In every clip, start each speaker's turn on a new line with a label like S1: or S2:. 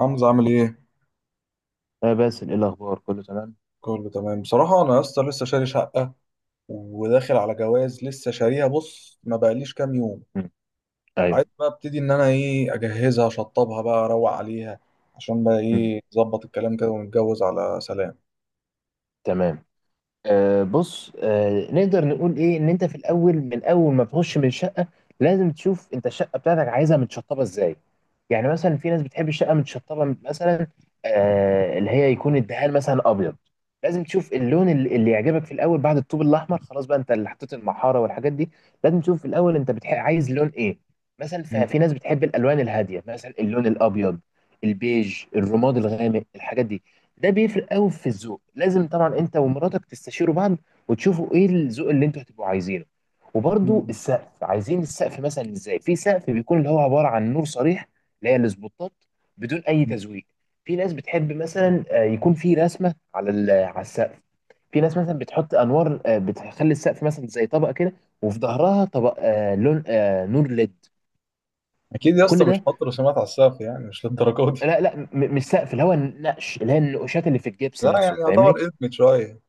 S1: حمزة عامل ايه؟
S2: آه باسل، إيه الأخبار كله تمام؟
S1: كله تمام بصراحة. أنا يا اسطى لسه شاري شقة وداخل على جواز، لسه شاريها، بص، ما بقاليش كام يوم.
S2: مم.
S1: وعايز
S2: أيوه.
S1: بقى ابتدي إن أنا ايه، أجهزها أشطبها بقى، أروق عليها عشان بقى
S2: مم.
S1: ايه نظبط الكلام كده ونتجوز على سلام.
S2: تمام. آه بص، نقدر نقول ايه ان انت في الاول، من اول ما تخش من الشقه لازم تشوف انت الشقه بتاعتك عايزها متشطبه ازاي. يعني مثلا في ناس بتحب الشقه متشطبه مثلا آه، اللي هي يكون الدهان مثلا ابيض. لازم تشوف اللون اللي يعجبك في الاول، بعد الطوب الاحمر خلاص بقى انت اللي حطيت المحاره والحاجات دي. لازم تشوف في الاول انت عايز لون ايه. مثلا
S1: مم.
S2: في ناس بتحب الالوان الهاديه، مثلا اللون الابيض، البيج، الرماد الغامق، الحاجات دي. ده بيفرق قوي في الذوق. لازم طبعا انت ومراتك تستشيروا بعض وتشوفوا ايه الذوق اللي انتوا هتبقوا عايزينه. وبرضو
S1: مم.
S2: السقف، عايزين السقف مثلا ازاي. في سقف بيكون اللي هو عبارة عن نور صريح، اللي هي السبوتات، بدون اي تزويق. في ناس بتحب مثلا يكون في رسمة على على السقف. في ناس مثلا بتحط انوار بتخلي السقف مثلا زي طبقة كده، وفي ظهرها طبق لون نور ليد.
S1: أكيد يا اسطى
S2: كل
S1: مش
S2: ده.
S1: هحط رسومات على السقف، يعني مش للدرجة دي.
S2: لا لا، مش سقف، اللي هو النقش اللي هي النقوشات اللي في الجبس
S1: لا،
S2: نفسه،
S1: يعني
S2: فاهمني.
S1: يعتبر إدمت شوية.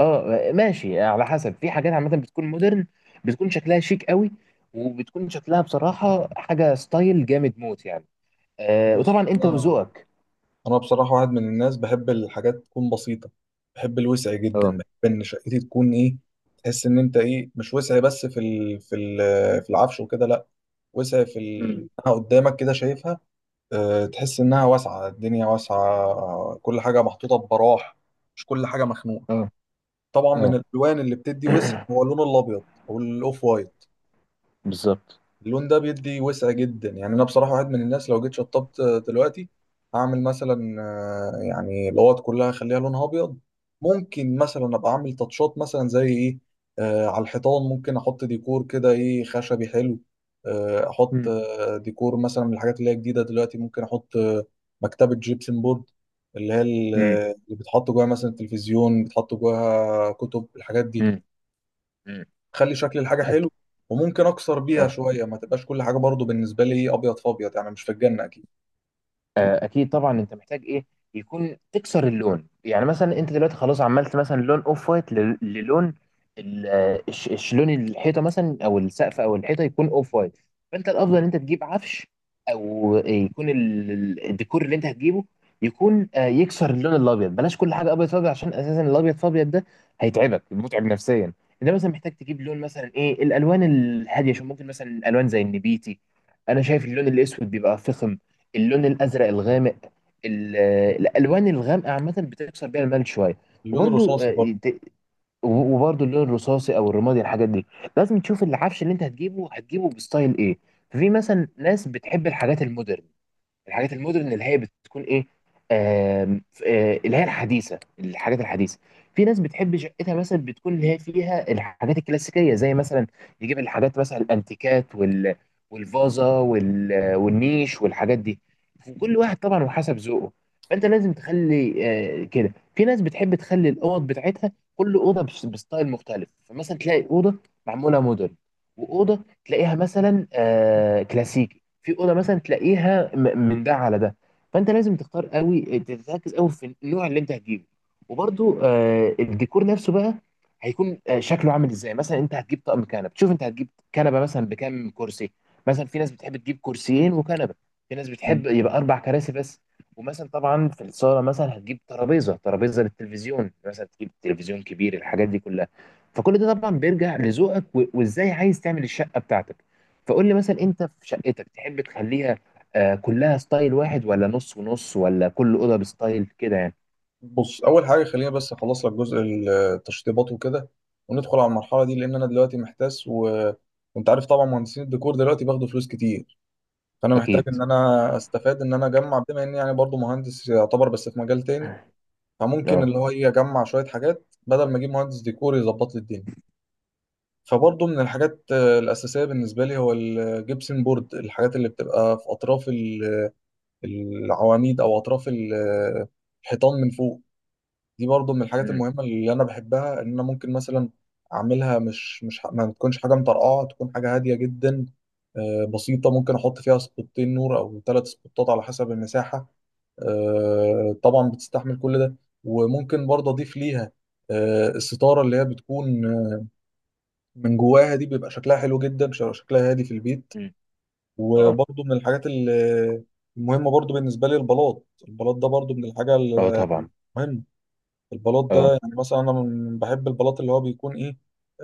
S2: اه ماشي، على حسب. في حاجات عامه بتكون مودرن، بتكون شكلها شيك قوي، وبتكون شكلها بصراحه حاجه ستايل جامد موت يعني. آه،
S1: بص،
S2: وطبعا انت
S1: أنا
S2: وذوقك.
S1: انا بصراحه واحد من الناس بحب الحاجات تكون بسيطه، بحب الوسع جدا،
S2: اه.
S1: بحب ان شقتي تكون ايه، تحس ان انت ايه، مش وسع بس في العفش وكده، لا، وسع
S2: امم.
S1: إنها قدامك كده شايفها. تحس انها واسعه، الدنيا واسعه، كل حاجه محطوطه ببراح، مش كل حاجه مخنوقه.
S2: اه.
S1: طبعا من
S2: اه.
S1: الالوان اللي بتدي وسع هو اللون الابيض او الاوف وايت.
S2: بالظبط.
S1: اللون ده بيدي وسع جدا، يعني انا بصراحه واحد من الناس لو جيت شطبت دلوقتي، هعمل مثلا يعني الاوض كلها اخليها لونها ابيض. ممكن مثلا ابقى اعمل تاتشات، مثلا زي ايه، على الحيطان ممكن احط ديكور كده، ايه، خشبي حلو. احط
S2: امم.
S1: ديكور مثلا من الحاجات اللي هي جديده دلوقتي، ممكن احط مكتبه جيبسن بورد، اللي هي ال-
S2: امم.
S1: آه، اللي بتحط جواها مثلا التلفزيون، بتحط جواها كتب، الحاجات دي،
S2: امم.
S1: خلي شكل الحاجه حلو. وممكن اكسر بيها
S2: أك-
S1: شويه، ما تبقاش كل حاجه برضو بالنسبه لي ابيض في ابيض، يعني مش في الجنه اكيد.
S2: اكيد طبعا، انت محتاج ايه يكون تكسر اللون. يعني مثلا انت دلوقتي خلاص عملت مثلا لون اوف وايت للون لون الحيطه مثلا او السقف او الحيطه يكون اوف وايت. فانت الافضل ان انت تجيب عفش، او يكون الديكور اللي انت هتجيبه يكون يكسر اللون الابيض. بلاش كل حاجه ابيض فابيض، عشان اساسا الابيض فابيض ده هيتعبك، متعب نفسيا. انت مثلا محتاج تجيب لون مثلا ايه الالوان الهاديه، عشان ممكن مثلا الوان زي النبيتي. انا شايف اللون الاسود بيبقى فخم، اللون الازرق الغامق، ال- الالوان الغامقه عامه بتكسر بيها الملل شويه.
S1: اللون
S2: وبرده.
S1: الرصاصي برضو.
S2: وبرده اللون الرصاصي او الرمادي، الحاجات دي. لازم تشوف العفش اللي انت هتجيبه، هتجيبه بستايل ايه. ففي مثلا ناس بتحب الحاجات المودرن. الحاجات المودرن اللي هي بتكون ايه، آم، ف- آه، اللي هي الحديثه، الحاجات الحديثه. في ناس بتحب شقتها مثلا بتكون اللي هي فيها الحاجات الكلاسيكيه، زي مثلا يجيب الحاجات مثلا الانتيكات، وال والفازه، وال والنيش، والحاجات دي. كل واحد طبعا وحسب ذوقه. فانت لازم تخلي كده، في ناس بتحب تخلي الاوض بتاعتها كل اوضه بستايل مختلف. فمثلا تلاقي اوضه معموله مودرن، واوضه تلاقيها مثلا كلاسيكي، في اوضه مثلا تلاقيها من ده على ده. فانت لازم تختار قوي، تركز قوي في النوع اللي انت هتجيبه. وبرده الديكور نفسه بقى هيكون شكله عامل ازاي. مثلا انت هتجيب طقم كنب، شوف انت هتجيب كنبه مثلا بكام كرسي. مثلا في ناس بتحب تجيب كرسيين وكنبه، في ناس
S1: مم.
S2: بتحب يبقى اربع كراسي بس. ومثلا طبعا في الصاله مثلا هتجيب ترابيزه للتلفزيون، مثلا تجيب تلفزيون كبير، الحاجات دي كلها. فكل ده طبعا بيرجع لذوقك وازاي عايز تعمل الشقه بتاعتك. فقول لي مثلا انت في شقتك تحب تخليها كلها ستايل واحد، ولا نص ونص، ولا كل اوضه بستايل كده يعني.
S1: بص، اول حاجه خلينا بس اخلص لك جزء التشطيبات وكده وندخل على المرحله دي، لان انا دلوقتي محتاس. وانت عارف طبعا مهندسين الديكور دلوقتي بياخدوا فلوس كتير، فانا محتاج
S2: اكيد.
S1: ان انا استفاد ان انا اجمع، بما اني يعني برضو مهندس يعتبر، بس في مجال تاني. فممكن
S2: اه.
S1: اللي هو ايه، اجمع شويه حاجات بدل ما اجيب مهندس ديكور يظبط لي الدنيا. فبرضه من الحاجات الأساسية بالنسبة لي هو الجبسن بورد، الحاجات اللي بتبقى في أطراف العواميد أو أطراف الحيطان من فوق. دي برضه من الحاجات
S2: امم.
S1: المهمة اللي أنا بحبها، إن أنا ممكن مثلا أعملها، مش ما تكونش حاجة مطرقعة، تكون حاجة هادية جدا، بسيطة. ممكن أحط فيها سبوتين نور أو ثلاث سبوتات على حسب المساحة، طبعا بتستحمل كل ده. وممكن برضه أضيف ليها الستارة اللي هي بتكون من جواها دي، بيبقى شكلها حلو جدا، شكلها هادي في البيت.
S2: أمم. اه.
S1: وبرضه من الحاجات المهمة برضه بالنسبة لي البلاط، البلاط ده برضه من الحاجة
S2: اه
S1: المهمة.
S2: طبعا.
S1: البلاط ده
S2: اه.
S1: يعني مثلا أنا بحب البلاط اللي هو بيكون إيه،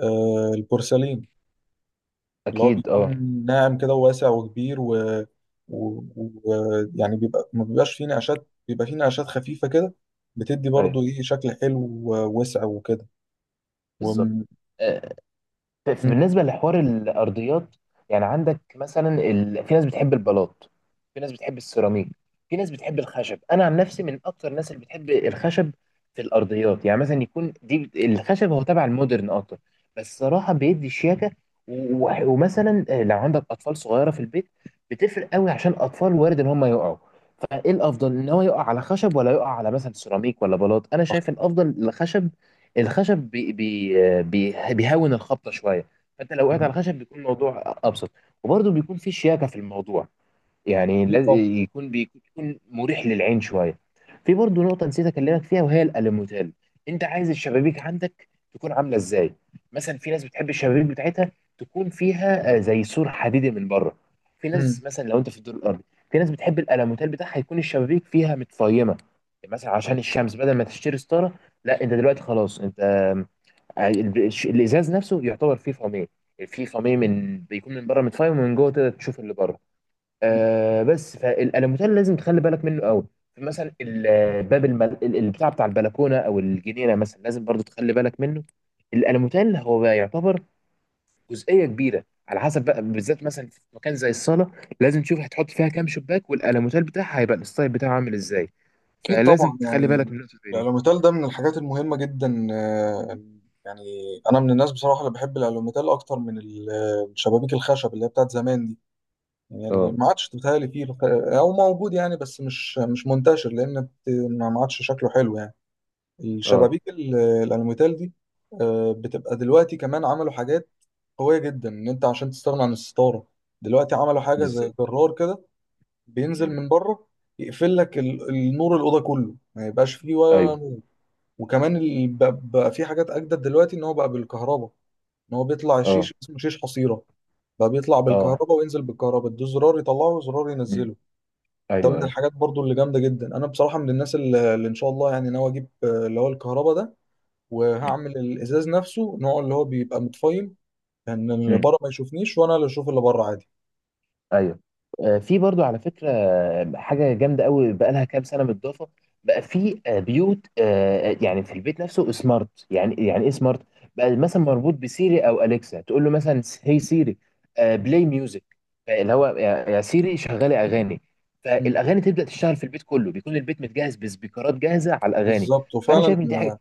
S1: البورسلين، اللي هو
S2: اكيد. اه.
S1: بيكون ناعم كده وواسع وكبير و... و... يعني بيبقى، ما بيبقاش فيه نقشات، بيبقى فيه نقشات خفيفة كده، بتدي برضه
S2: ايوه.
S1: إيه، شكل حلو ووسع وكده.
S2: بالظبط.
S1: مم.
S2: آه، بالنسبة لحوار الأرضيات، يعني عندك مثلا في ناس بتحب البلاط، في ناس بتحب السيراميك، في ناس بتحب الخشب. أنا عن نفسي من أكتر الناس اللي بتحب الخشب في الأرضيات. يعني مثلا يكون دي الخشب هو تبع المودرن أكتر، بس صراحة بيدي شياكة. و... ومثلا لو عندك أطفال صغيرة في البيت بتفرق قوي، عشان أطفال وارد إن هم يقعوا. فإيه الأفضل، إن هو يقع على خشب ولا يقع على مثلا سيراميك ولا بلاط. أنا شايف الأفضل الخشب، الخشب بي بي بي بيهون الخبطه شويه. فانت لو وقعت
S1: مم.
S2: على الخشب بيكون الموضوع ابسط، وبرده بيكون في شياكه في الموضوع. يعني لازم
S1: طبعا.
S2: يكون بيكون مريح للعين شويه. في برضو نقطه نسيت اكلمك فيها، وهي الالوميتال. انت عايز الشبابيك عندك تكون عامله ازاي. مثلا في ناس بتحب الشبابيك بتاعتها تكون فيها زي سور حديدي من بره، في ناس
S1: مم.
S2: مثلا لو انت في الدور الارضي. في ناس بتحب الالوميتال بتاعها يكون الشبابيك فيها متفيمه، يعني مثلا عشان الشمس بدل ما تشتري ستاره. لا، انت دلوقتي خلاص انت، الازاز نفسه يعتبر فيه فميه. في فميه من بيكون من بره متفايم ومن جوه تقدر تشوف اللي بره. آه بس فالالوميتال لازم تخلي بالك منه قوي. مثلا الباب البتاع بتاع البلكونه او الجنينه مثلا لازم برضو تخلي بالك منه. الالوميتال هو بقى يعتبر جزئيه كبيره على حسب، بقى بالذات مثلا في مكان زي الصاله لازم تشوف هتحط فيها كام شباك، والالوميتال بتاعها هيبقى الستايل بتاعه عامل ازاي.
S1: أكيد
S2: فلازم
S1: طبعا،
S2: تخلي بالك
S1: يعني
S2: من النقطه زي دي.
S1: الألوميتال ده من الحاجات المهمة جدا، يعني أنا من الناس بصراحة اللي بحب الألوميتال أكتر من الشبابيك الخشب اللي هي بتاعت زمان دي، يعني
S2: اه.
S1: ما عادش بتهيألي فيه أو موجود، يعني بس مش منتشر، لأن ما عادش شكله حلو، يعني
S2: اه.
S1: الشبابيك الألوميتال دي بتبقى دلوقتي. كمان عملوا حاجات قوية جدا إن أنت عشان تستغنى عن الستارة، دلوقتي عملوا حاجة زي
S2: بالظبط.
S1: جرار كده، بينزل
S2: مم.
S1: من بره، يقفل لك النور، الاوضه كله ما يبقاش فيه ولا
S2: ايوه.
S1: نور. وكمان بقى في حاجات اجدد دلوقتي، ان هو بقى بالكهرباء، ان هو بيطلع
S2: اه.
S1: الشيش، اسمه شيش حصيره، بقى بيطلع
S2: اه.
S1: بالكهرباء وينزل بالكهرباء، ده زرار يطلعه وزرار
S2: مم.
S1: ينزله. ده
S2: ايوه
S1: من
S2: ايوه.
S1: الحاجات برضو اللي جامده جدا. انا بصراحه من الناس اللي ان شاء الله يعني ناوي اجيب اللي هو الكهرباء ده،
S2: مم.
S1: وهعمل الازاز نفسه نوع اللي هو بيبقى متفايم، ان يعني اللي
S2: مم.
S1: بره ما يشوفنيش، وانا اللي اشوف اللي بره عادي.
S2: ايوه. في برضو على فكره حاجه جامده قوي بقى لها كام سنه متضافه. بقى في بيوت، يعني في البيت نفسه سمارت، يعني ايه سمارت. بقى مثلا مربوط بسيري او اليكسا، تقول له مثلا هي سيري، بلاي ميوزك، اللي هو يا سيري شغلي اغاني.
S1: مم.
S2: فالاغاني تبدا تشتغل في البيت كله، بيكون البيت متجهز بسبيكرات جاهزه على الاغاني.
S1: بالظبط،
S2: فانا
S1: وفعلا.
S2: شايف ان دي حاجه.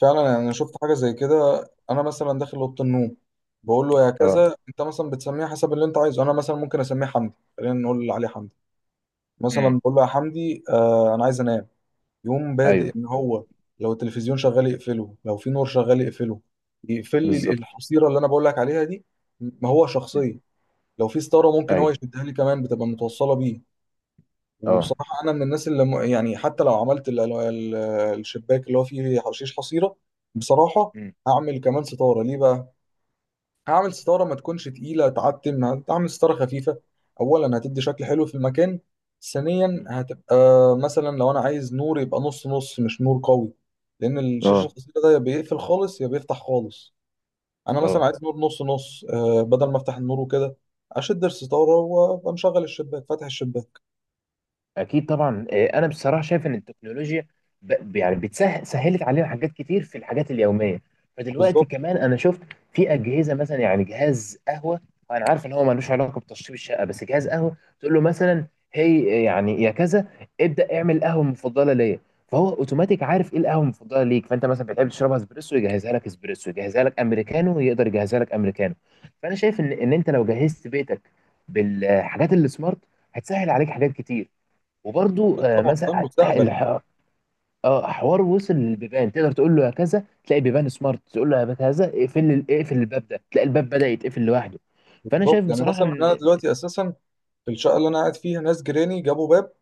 S1: فعلا، يعني أنا شفت حاجه زي كده. انا مثلا داخل اوضه النوم، بقول له يا
S2: اه.
S1: كذا، انت مثلا بتسميه حسب اللي انت عايزه، انا مثلا ممكن اسميه حمدي، خلينا نقول اللي عليه حمدي،
S2: امم.
S1: مثلا بقول له يا حمدي، انا عايز انام، يقوم بادئ
S2: ايوه.
S1: ان هو لو التلفزيون شغال يقفله، لو في نور شغال يقفله، يقفل لي
S2: بالظبط.
S1: الحصيره اللي انا بقول لك عليها دي، ما هو
S2: مم.
S1: شخصيه، لو في ستاره ممكن هو
S2: ايوه.
S1: يشدها لي كمان، بتبقى متوصله بيه.
S2: اه.
S1: وبصراحة أنا من الناس اللي يعني حتى لو عملت الشباك اللي هو فيه حشيش حصيرة، بصراحة
S2: مم.
S1: هعمل كمان ستارة، ليه بقى؟ هعمل ستارة ما تكونش تقيلة تعتم، هعمل ستارة خفيفة. أولا، هتدي شكل
S2: مم.
S1: حلو في المكان. ثانيا،
S2: مم.
S1: هتبقى مثلا لو أنا عايز نور يبقى نص نص، مش نور قوي، لأن الشيش
S2: اه.
S1: الحصيرة ده يا بيقفل خالص يا بيفتح خالص. أنا مثلا
S2: اه
S1: عايز نور نص نص، بدل ما أفتح النور وكده، أشد الستارة وأبقى مشغل الشباك فاتح الشباك.
S2: اكيد طبعا. انا بصراحه شايف ان التكنولوجيا يعني بتسهل، سهلت علينا حاجات كتير في الحاجات اليوميه. فدلوقتي
S1: بالظبط.
S2: كمان انا شفت في اجهزه مثلا، يعني جهاز قهوه. انا عارف ان هو ملوش علاقه بتشطيب الشقه، بس جهاز قهوه تقول له مثلا هي يعني يا كذا، ابدا اعمل القهوه المفضله ليا. فهو اوتوماتيك عارف ايه القهوه المفضله ليك، فانت مثلا بتحب تشربها اسبريسو يجهزها لك اسبريسو، يجهزها لك امريكانو يقدر يجهزها لك امريكانو. فانا شايف ان انت لو جهزت بيتك بالحاجات اللي سمارت هتسهل عليك حاجات كتير. وبرضو
S1: أكيد طبعا، ده
S2: مثلا
S1: المستقبل.
S2: اه حوار وصل للبيبان. تقدر تقول له يا كذا، تلاقي بيبان سمارت، تقول له يا كذا اقفل اقفل الباب ده، تلاقي الباب بدأ يتقفل لوحده. فانا
S1: بالظبط،
S2: شايف
S1: يعني
S2: بصراحة
S1: مثلا انا
S2: ان.
S1: دلوقتي اساسا في الشقه اللي انا قاعد فيها، ناس جيراني جابوا باب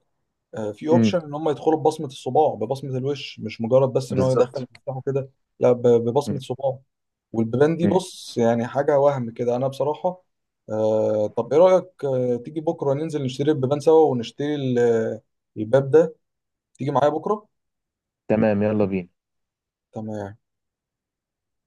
S1: فيه
S2: مم،
S1: اوبشن ان هم يدخلوا ببصمه الصباع، ببصمه الوش، مش مجرد بس ان هو يدخل
S2: بالظبط.
S1: مفتاحه كده، لا، ببصمه
S2: مم.
S1: صباعه. والبيبان دي
S2: مم.
S1: بص يعني حاجه وهم كده. انا بصراحه، طب ايه رايك، تيجي بكره ننزل نشتري البيبان سوا، ونشتري الباب ده؟ تيجي معايا بكره؟
S2: تمام يلا بينا.
S1: تمام.